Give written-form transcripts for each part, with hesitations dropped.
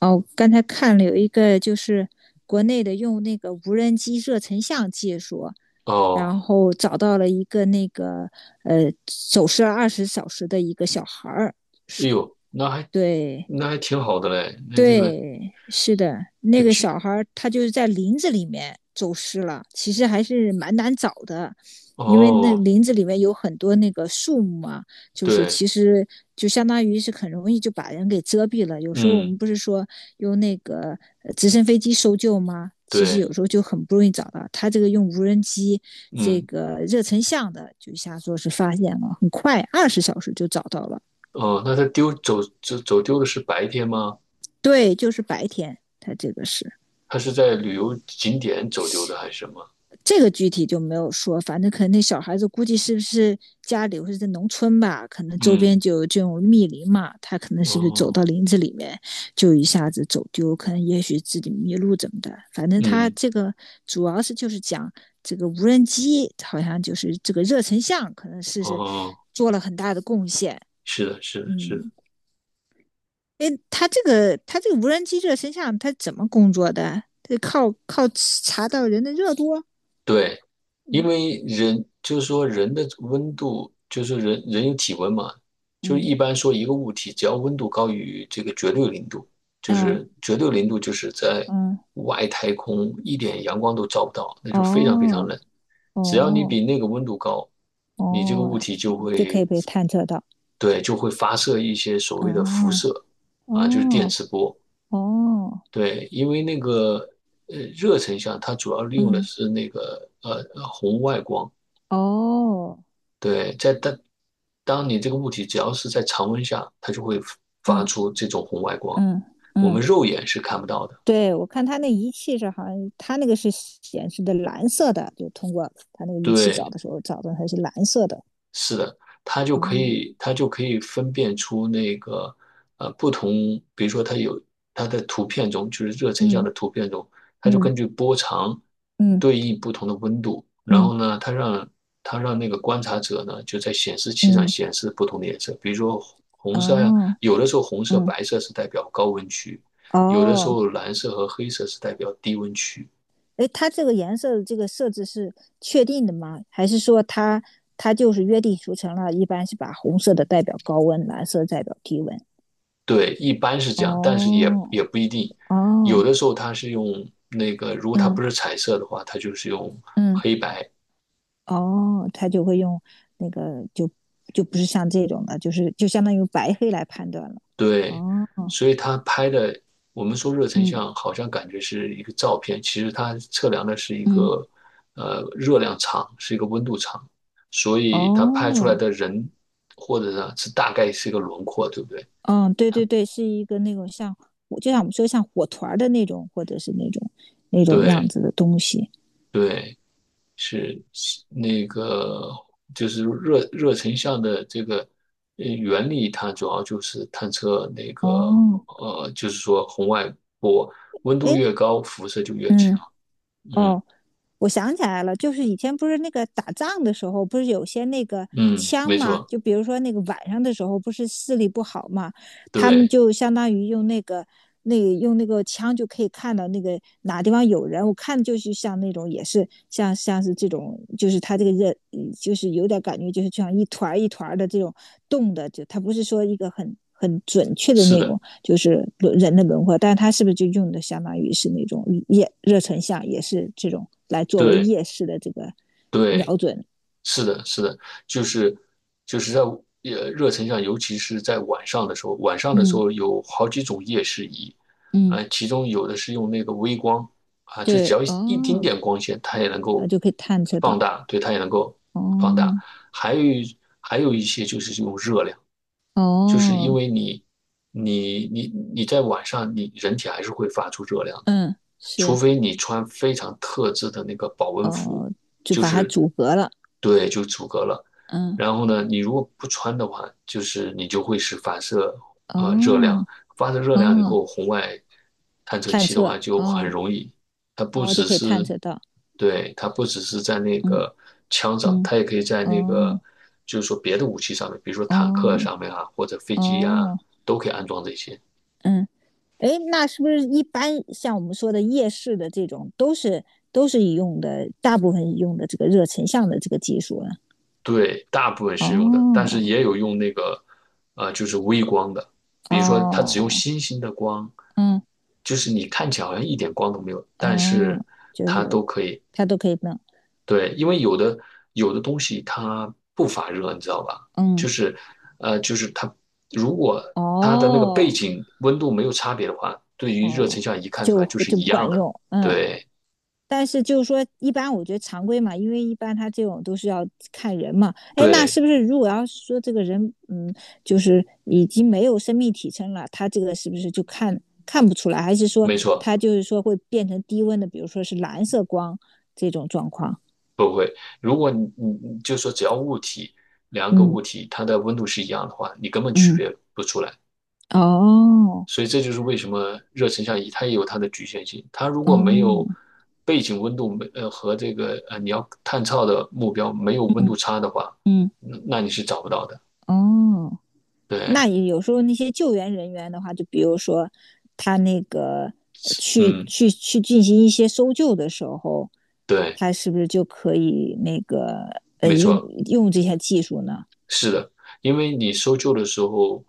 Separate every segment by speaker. Speaker 1: 哦，我刚才看了有一个就是国内的用那个无人机热成像技术，
Speaker 2: 哦，
Speaker 1: 然后找到了一个那个呃走失了二十小时的一个小孩儿，
Speaker 2: 哎
Speaker 1: 是
Speaker 2: 呦，那还
Speaker 1: 对，
Speaker 2: 那还挺好的嘞。那这个
Speaker 1: 对，是的，那
Speaker 2: 这
Speaker 1: 个
Speaker 2: 去，
Speaker 1: 小孩儿他就是在林子里面走失了，其实还是蛮难找的，因为那
Speaker 2: 哦，
Speaker 1: 林子里面有很多那个树木啊，就是
Speaker 2: 对，
Speaker 1: 其实就相当于是很容易就把人给遮蔽了。有时候我们
Speaker 2: 嗯，
Speaker 1: 不是说用那个直升飞机搜救吗？其实有
Speaker 2: 对，
Speaker 1: 时候就很不容易找到。他这个用无人机这
Speaker 2: 嗯，
Speaker 1: 个热成像的，就一下说是发现了，很快二十小时就找到了。
Speaker 2: 哦，那他丢走丢的是白天吗？
Speaker 1: 对，就是白天，他这个是。
Speaker 2: 他是在旅游景点走丢的还是什么？
Speaker 1: 这个具体就没有说，反正可能那小孩子估计是不是家里或者在农村吧，可能周边
Speaker 2: 嗯，
Speaker 1: 就有这种密林嘛，他可能是不是走
Speaker 2: 哦，
Speaker 1: 到林子里面就一下子走丢，可能也许自己迷路怎么的，反正他
Speaker 2: 嗯，
Speaker 1: 这个主要是就是讲这个无人机好像就是这个热成像可能是
Speaker 2: 哦，
Speaker 1: 做了很大的贡献，
Speaker 2: 是的，是的，是的。
Speaker 1: 嗯，诶，他这个无人机热成像他怎么工作的？他靠查到人的热度啊，
Speaker 2: 对，因
Speaker 1: 嗯
Speaker 2: 为人就是说人的温度，就是人有体温嘛，就是
Speaker 1: 嗯
Speaker 2: 一般说一个物体只要温度高于这个绝对零度，就
Speaker 1: 哦。
Speaker 2: 是绝对零度就是在
Speaker 1: 嗯，
Speaker 2: 外太空一点阳光都照不到，那就非常非常
Speaker 1: 哦，
Speaker 2: 冷。只要你
Speaker 1: 哦，
Speaker 2: 比那个温度高，你这个
Speaker 1: 哦，
Speaker 2: 物体就
Speaker 1: 就可以
Speaker 2: 会，
Speaker 1: 被探测到。
Speaker 2: 对，就会发射一些所谓的辐
Speaker 1: 嗯，
Speaker 2: 射啊，就是电
Speaker 1: 哦，
Speaker 2: 磁波。
Speaker 1: 哦，
Speaker 2: 对，因为那个热成像，它主要利用的
Speaker 1: 嗯，
Speaker 2: 是那个红外光。
Speaker 1: 哦，
Speaker 2: 对，在当当你这个物体只要是在常温下，它就会发
Speaker 1: 嗯
Speaker 2: 出这种红外光，
Speaker 1: 嗯
Speaker 2: 我们
Speaker 1: 嗯，
Speaker 2: 肉眼是看不到的。
Speaker 1: 对，我看他那仪器是好像，他那个是显示的蓝色的，就通过他那个仪器找
Speaker 2: 对，
Speaker 1: 的时候找的它是蓝色的。
Speaker 2: 是的，它就可
Speaker 1: 哦，
Speaker 2: 以，它就可以分辨出那个不同，比如说它有它的图片中，就是热成像
Speaker 1: 嗯
Speaker 2: 的图片中，它就
Speaker 1: 嗯
Speaker 2: 根据波长
Speaker 1: 嗯
Speaker 2: 对应不同的温度，然
Speaker 1: 嗯
Speaker 2: 后呢，它让它让那个观察者呢就在显示器上
Speaker 1: 嗯
Speaker 2: 显示不同的颜色，比如说红
Speaker 1: 嗯，
Speaker 2: 色呀，
Speaker 1: 哦，
Speaker 2: 有的时候红色、
Speaker 1: 嗯
Speaker 2: 白色是代表高温区，有的时
Speaker 1: 哦。
Speaker 2: 候蓝色和黑色是代表低温区，
Speaker 1: 哎，它这个颜色的这个设置是确定的吗？还是说它就是约定俗成了？一般是把红色的代表高温，蓝色代表低温。
Speaker 2: 对，一般是这样，但是也
Speaker 1: 哦
Speaker 2: 也不一定，有的
Speaker 1: 哦，
Speaker 2: 时候它是用那个，如果它
Speaker 1: 嗯
Speaker 2: 不是彩色的话，它就是用
Speaker 1: 嗯，
Speaker 2: 黑白。
Speaker 1: 哦，它就会用那个就就不是像这种的，就是就相当于白黑来判断了。
Speaker 2: 对，
Speaker 1: 哦，
Speaker 2: 所以它拍的，我们说热成
Speaker 1: 嗯
Speaker 2: 像，好像感觉是一个照片，其实它测量的是一
Speaker 1: 嗯，
Speaker 2: 个热量场，是一个温度场，所以它拍出来
Speaker 1: 哦，
Speaker 2: 的人或者呢是大概是一个轮廓，对不对？
Speaker 1: 嗯，对对对，是一个那种像就像我们说像火团儿的那种，或者是那种那种样
Speaker 2: 对
Speaker 1: 子的东西。
Speaker 2: 对。是是那个就是热热成像的这个原理，它主要就是探测那个，
Speaker 1: 哦，
Speaker 2: 就是说红外波温度
Speaker 1: 哎，
Speaker 2: 越高，辐射就越强。
Speaker 1: 嗯，
Speaker 2: 嗯
Speaker 1: 哦，我想起来了，就是以前不是那个打仗的时候，不是有些那个
Speaker 2: 嗯，
Speaker 1: 枪
Speaker 2: 没
Speaker 1: 吗？
Speaker 2: 错，
Speaker 1: 就比如说那个晚上的时候，不是视力不好嘛，他们
Speaker 2: 对，
Speaker 1: 就相当于用那个那个用那个枪就可以看到那个哪地方有人。我看就是像那种也是像是这种，就是他这个人嗯就是有点感觉，就是像一团儿一团儿的这种动的，就他不是说一个很准确的
Speaker 2: 是
Speaker 1: 那
Speaker 2: 的，
Speaker 1: 种，就是人的轮廓，但是它是不是就用的相当于是那种夜热成像，也是这种来作为
Speaker 2: 对
Speaker 1: 夜视的这个
Speaker 2: 对。
Speaker 1: 瞄准？
Speaker 2: 是的，是的，就是就是在热成像，尤其是在晚上的时候，晚上的时
Speaker 1: 嗯
Speaker 2: 候有好几种夜视仪，啊、
Speaker 1: 嗯，
Speaker 2: 其中有的是用那个微光啊，就只
Speaker 1: 对
Speaker 2: 要一丁
Speaker 1: 哦，
Speaker 2: 点光线，它也能
Speaker 1: 那
Speaker 2: 够
Speaker 1: 就可以探测
Speaker 2: 放
Speaker 1: 到
Speaker 2: 大，对，它也能够放大。
Speaker 1: 哦
Speaker 2: 还有一些就是用热量，就是因
Speaker 1: 哦，
Speaker 2: 为你你在晚上，你人体还是会发出热量的。
Speaker 1: 嗯
Speaker 2: 除
Speaker 1: 是
Speaker 2: 非你穿非常特制的那个保温服，
Speaker 1: 哦，就
Speaker 2: 就
Speaker 1: 把它
Speaker 2: 是
Speaker 1: 阻隔了，
Speaker 2: 对，就阻隔了。
Speaker 1: 嗯
Speaker 2: 然后呢，你如果不穿的话，就是你就会是反射热量，
Speaker 1: 哦
Speaker 2: 发射热量以
Speaker 1: 哦
Speaker 2: 后，红外探测
Speaker 1: 探
Speaker 2: 器的
Speaker 1: 测
Speaker 2: 话就很
Speaker 1: 哦
Speaker 2: 容易，它不
Speaker 1: 哦就
Speaker 2: 只
Speaker 1: 可以探
Speaker 2: 是
Speaker 1: 测到，
Speaker 2: 对，它不只是在那
Speaker 1: 嗯
Speaker 2: 个枪上，
Speaker 1: 嗯
Speaker 2: 它也可以在那个
Speaker 1: 哦
Speaker 2: 就是说别的武器上面，比如说坦克
Speaker 1: 哦
Speaker 2: 上面啊，或者飞机啊，
Speaker 1: 哦
Speaker 2: 都可以安装这些。
Speaker 1: 嗯。哎，那是不是一般像我们说的夜视的这种，都是都是用的，大部分用的这个热成像的这个技术呢？
Speaker 2: 对，大部分是用的，但
Speaker 1: 哦
Speaker 2: 是也有用那个，呃，就是微光的，比如说它只用
Speaker 1: 哦，
Speaker 2: 星星的光，
Speaker 1: 嗯
Speaker 2: 就是你看起来好像一点光都没有，但是
Speaker 1: 嗯，就
Speaker 2: 它
Speaker 1: 是
Speaker 2: 都可以。
Speaker 1: 它都可以弄，
Speaker 2: 对，因为有的东西它不发热，你知道吧？就
Speaker 1: 嗯
Speaker 2: 是，就是它如果它的那个背
Speaker 1: 哦
Speaker 2: 景温度没有差别的话，对于热成
Speaker 1: 哦，
Speaker 2: 像仪看出
Speaker 1: 就
Speaker 2: 来就是
Speaker 1: 就
Speaker 2: 一
Speaker 1: 不
Speaker 2: 样
Speaker 1: 管
Speaker 2: 的。
Speaker 1: 用，嗯
Speaker 2: 对
Speaker 1: 但是就是说，一般我觉得常规嘛，因为一般他这种都是要看人嘛。哎，那是
Speaker 2: 对，
Speaker 1: 不是如果要是说这个人，嗯，就是已经没有生命体征了，他这个是不是就看看不出来？还是说
Speaker 2: 没错。
Speaker 1: 他就是说会变成低温的，比如说是蓝色光这种状况？
Speaker 2: 不会，如果你你就说只要物体两个
Speaker 1: 嗯
Speaker 2: 物体它的温度是一样的话，你根本区
Speaker 1: 嗯，
Speaker 2: 别不出来。
Speaker 1: 哦，
Speaker 2: 所以这就是为什么热成像仪它也有它的局限性。它如果没
Speaker 1: 哦，
Speaker 2: 有背景温度没和这个你要探测的目标没有温度
Speaker 1: 嗯
Speaker 2: 差的话，
Speaker 1: 嗯
Speaker 2: 那你是找不到的。
Speaker 1: 哦。
Speaker 2: 对，
Speaker 1: 那有时候那些救援人员的话，就比如说他那个呃去
Speaker 2: 嗯，
Speaker 1: 去去进行一些搜救的时候，
Speaker 2: 对，
Speaker 1: 他是不是就可以那个
Speaker 2: 没
Speaker 1: 用
Speaker 2: 错，
Speaker 1: 用这些技术呢？
Speaker 2: 是的，因为你搜救的时候，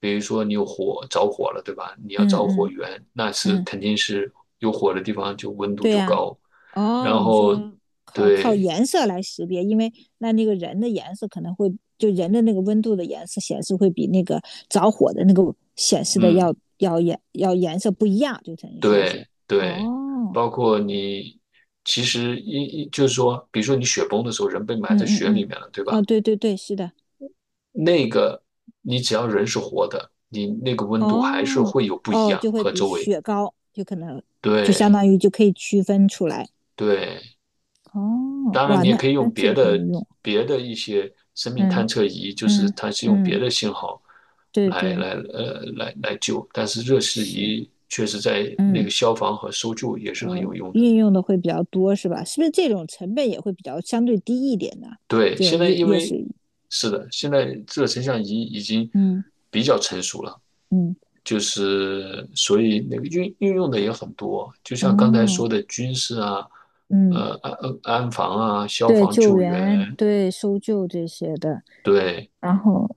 Speaker 2: 比如说你有火着火了，对吧？你要
Speaker 1: 嗯
Speaker 2: 找火
Speaker 1: 嗯
Speaker 2: 源，那是
Speaker 1: 嗯，
Speaker 2: 肯定是有火的地方就温度
Speaker 1: 对
Speaker 2: 就
Speaker 1: 呀、
Speaker 2: 高，
Speaker 1: 哦，
Speaker 2: 然
Speaker 1: 你
Speaker 2: 后
Speaker 1: 说靠靠
Speaker 2: 对，
Speaker 1: 颜色来识别，因为那那个人的颜色可能会就人的那个温度的颜色显示会比那个着火的那个显示的
Speaker 2: 嗯，
Speaker 1: 要颜色不一样，就等于说
Speaker 2: 对
Speaker 1: 是
Speaker 2: 对，
Speaker 1: 哦。
Speaker 2: 包括你其实就是说，比如说你雪崩的时候，人被埋在
Speaker 1: 嗯嗯
Speaker 2: 雪里
Speaker 1: 嗯，
Speaker 2: 面了，对吧？
Speaker 1: 哦，对对对，是的，
Speaker 2: 那个你只要人是活的，你那个温度还是
Speaker 1: 哦
Speaker 2: 会有不一
Speaker 1: 哦，
Speaker 2: 样
Speaker 1: 就会
Speaker 2: 和
Speaker 1: 比
Speaker 2: 周围。
Speaker 1: 雪糕就可能就相
Speaker 2: 对
Speaker 1: 当于就可以区分出来。
Speaker 2: 对，
Speaker 1: 哦，
Speaker 2: 当然
Speaker 1: 哇，
Speaker 2: 你也
Speaker 1: 那
Speaker 2: 可以
Speaker 1: 那
Speaker 2: 用
Speaker 1: 这
Speaker 2: 别
Speaker 1: 个很
Speaker 2: 的
Speaker 1: 有用。
Speaker 2: 别的一些生命探
Speaker 1: 嗯
Speaker 2: 测仪，就是
Speaker 1: 嗯
Speaker 2: 它是用别
Speaker 1: 嗯，
Speaker 2: 的信号
Speaker 1: 对
Speaker 2: 来
Speaker 1: 对
Speaker 2: 来来救，但是热释
Speaker 1: 是，
Speaker 2: 仪确实在那
Speaker 1: 嗯，
Speaker 2: 个消防和搜救也是很有用的。
Speaker 1: 运用的会比较多是吧？是不是这种成本也会比较相对低一点呢？
Speaker 2: 对，
Speaker 1: 就
Speaker 2: 现在
Speaker 1: 夜
Speaker 2: 因
Speaker 1: 夜
Speaker 2: 为
Speaker 1: 市，
Speaker 2: 是的，现在这个成像仪已经
Speaker 1: 嗯
Speaker 2: 比较成熟了，
Speaker 1: 嗯
Speaker 2: 就是所以那个运用的也很多，就像刚才
Speaker 1: 哦
Speaker 2: 说的军事啊，
Speaker 1: 嗯，
Speaker 2: 呃安防啊，消
Speaker 1: 对
Speaker 2: 防
Speaker 1: 救
Speaker 2: 救
Speaker 1: 援
Speaker 2: 援，
Speaker 1: 对搜救这些的，
Speaker 2: 对，
Speaker 1: 然后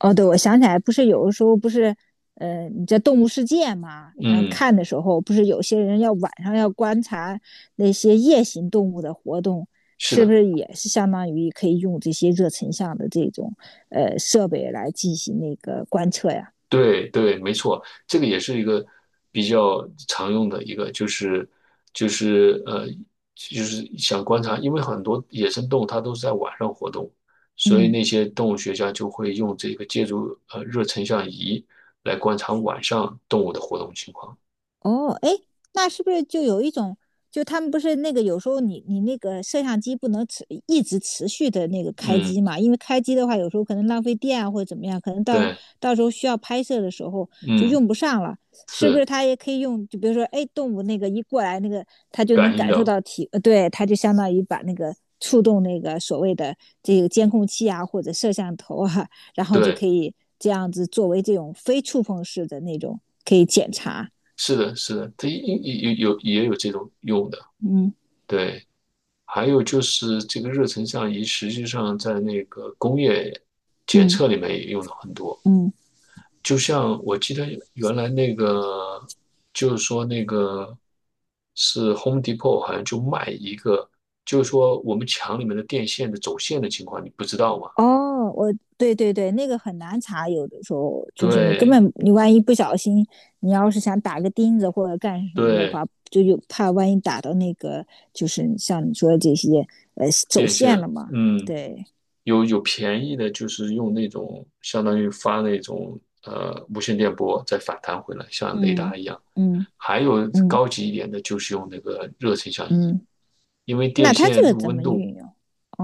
Speaker 1: 哦，对，我想起来，不是有的时候不是，呃，你在动物世界嘛，然后
Speaker 2: 嗯，
Speaker 1: 看的时候，不是有些人要晚上要观察那些夜行动物的活动，
Speaker 2: 是
Speaker 1: 是不
Speaker 2: 的，
Speaker 1: 是也是相当于可以用这些热成像的这种设备来进行那个观测呀？
Speaker 2: 对对，没错，这个也是一个比较常用的一个，就是就是，就是想观察，因为很多野生动物它都是在晚上活动，所以
Speaker 1: 嗯，
Speaker 2: 那些动物学家就会用这个借助热成像仪来观察晚上动物的活动情况。
Speaker 1: 哦，哎，那是不是就有一种，就他们不是那个有时候你那个摄像机不能一直持续的那个开
Speaker 2: 嗯，
Speaker 1: 机嘛？因为开机的话，有时候可能浪费电啊或者怎么样，可能到
Speaker 2: 对，
Speaker 1: 到时候需要拍摄的时候就
Speaker 2: 嗯，
Speaker 1: 用不上了，是不是？
Speaker 2: 是
Speaker 1: 它也可以用，就比如说，哎，动物那个一过来，那个它就能
Speaker 2: 感应
Speaker 1: 感受
Speaker 2: 的，
Speaker 1: 到体，呃，对，它就相当于把那个触动那个所谓的这个监控器啊或者摄像头啊，然后就可
Speaker 2: 对，
Speaker 1: 以这样子作为这种非触碰式的那种可以检查，
Speaker 2: 是的，是的，它有也有这种用的，
Speaker 1: 嗯。
Speaker 2: 对。还有就是这个热成像仪，实际上在那个工业检
Speaker 1: 嗯
Speaker 2: 测里面也用的很多。
Speaker 1: 嗯，
Speaker 2: 就像我记得原来那个，就是说那个是 Home Depot 好像就卖一个，就是说我们墙里面的电线的走线的情况，你不知道吗？
Speaker 1: 哦，我对对对，那个很难查，有的时候就是你根
Speaker 2: 对
Speaker 1: 本你万一不小心，你要是想打个钉子或者干什么的
Speaker 2: 对，
Speaker 1: 话，就有怕万一打到那个就是像你说的这些走
Speaker 2: 电
Speaker 1: 线
Speaker 2: 线，
Speaker 1: 了嘛。
Speaker 2: 嗯。
Speaker 1: 对，
Speaker 2: 有有便宜的，就是用那种相当于发那种无线电波再反弹回来，像雷
Speaker 1: 嗯
Speaker 2: 达一样。
Speaker 1: 嗯
Speaker 2: 还有
Speaker 1: 嗯
Speaker 2: 高级一点的，就是用那个热成像仪，
Speaker 1: 嗯，
Speaker 2: 因为电
Speaker 1: 那它这
Speaker 2: 线
Speaker 1: 个
Speaker 2: 的
Speaker 1: 怎
Speaker 2: 温
Speaker 1: 么
Speaker 2: 度，
Speaker 1: 运用？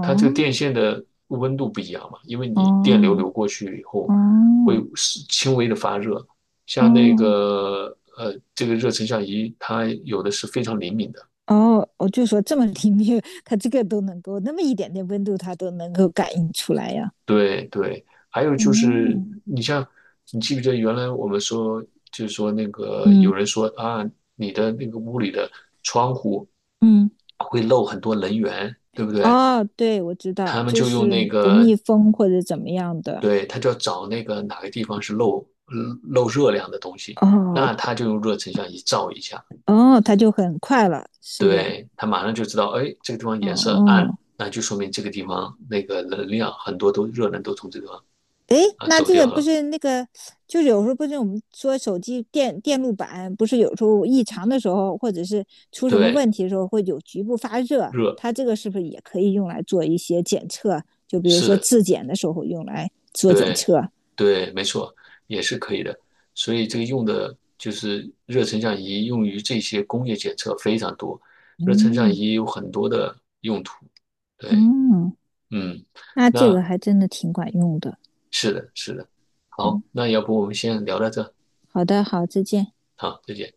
Speaker 2: 它这个电线的温度不一样嘛，因为你电流
Speaker 1: 哦
Speaker 2: 流过去以后会
Speaker 1: 哦
Speaker 2: 是轻微的发热，像那
Speaker 1: 哦
Speaker 2: 个这个热成像仪，它有的是非常灵敏的。
Speaker 1: 哦，我就说这么灵敏，它这个都能够那么一点点温度，它都能够感应出来呀。
Speaker 2: 对对，还有就是，
Speaker 1: 哦
Speaker 2: 你像，你记不记得原来我们说，就是说那个有
Speaker 1: 嗯
Speaker 2: 人说啊，你的那个屋里的窗户
Speaker 1: 嗯，
Speaker 2: 会漏很多能源，对不对？
Speaker 1: 哦，对，我知道，
Speaker 2: 他们
Speaker 1: 就
Speaker 2: 就用
Speaker 1: 是
Speaker 2: 那
Speaker 1: 不
Speaker 2: 个，
Speaker 1: 密封或者怎么样的。
Speaker 2: 对，他就要找那个哪个地方是漏漏热量的东西，
Speaker 1: 哦
Speaker 2: 那他就用热成像仪照一下，
Speaker 1: 哦，它就很快了，是的。
Speaker 2: 对，他马上就知道，哎，这个地方
Speaker 1: 哦
Speaker 2: 颜色暗，
Speaker 1: 哦，
Speaker 2: 那就说明这个地方那个能量很多都热能都从这个地方
Speaker 1: 诶，
Speaker 2: 啊
Speaker 1: 那
Speaker 2: 走
Speaker 1: 这个
Speaker 2: 掉
Speaker 1: 不
Speaker 2: 了，
Speaker 1: 是那个，就是有时候不是我们说手机电路板不是有时候异常的时候，或者是出什么
Speaker 2: 对，
Speaker 1: 问题的时候会有局部发热，
Speaker 2: 热。
Speaker 1: 它这个是不是也可以用来做一些检测？就比如
Speaker 2: 是
Speaker 1: 说
Speaker 2: 的，
Speaker 1: 质检的时候用来做检
Speaker 2: 对，
Speaker 1: 测。
Speaker 2: 对，没错，也是可以的。所以这个用的就是热成像仪，用于这些工业检测非常多。热成像
Speaker 1: 嗯
Speaker 2: 仪有很多的用途。对，
Speaker 1: 嗯，
Speaker 2: 嗯，
Speaker 1: 那这个
Speaker 2: 那
Speaker 1: 还真的挺管用的。
Speaker 2: 是的，是的。好，
Speaker 1: 嗯。
Speaker 2: 那要不我们先聊到这，
Speaker 1: 好的，好，再见。
Speaker 2: 好，再见。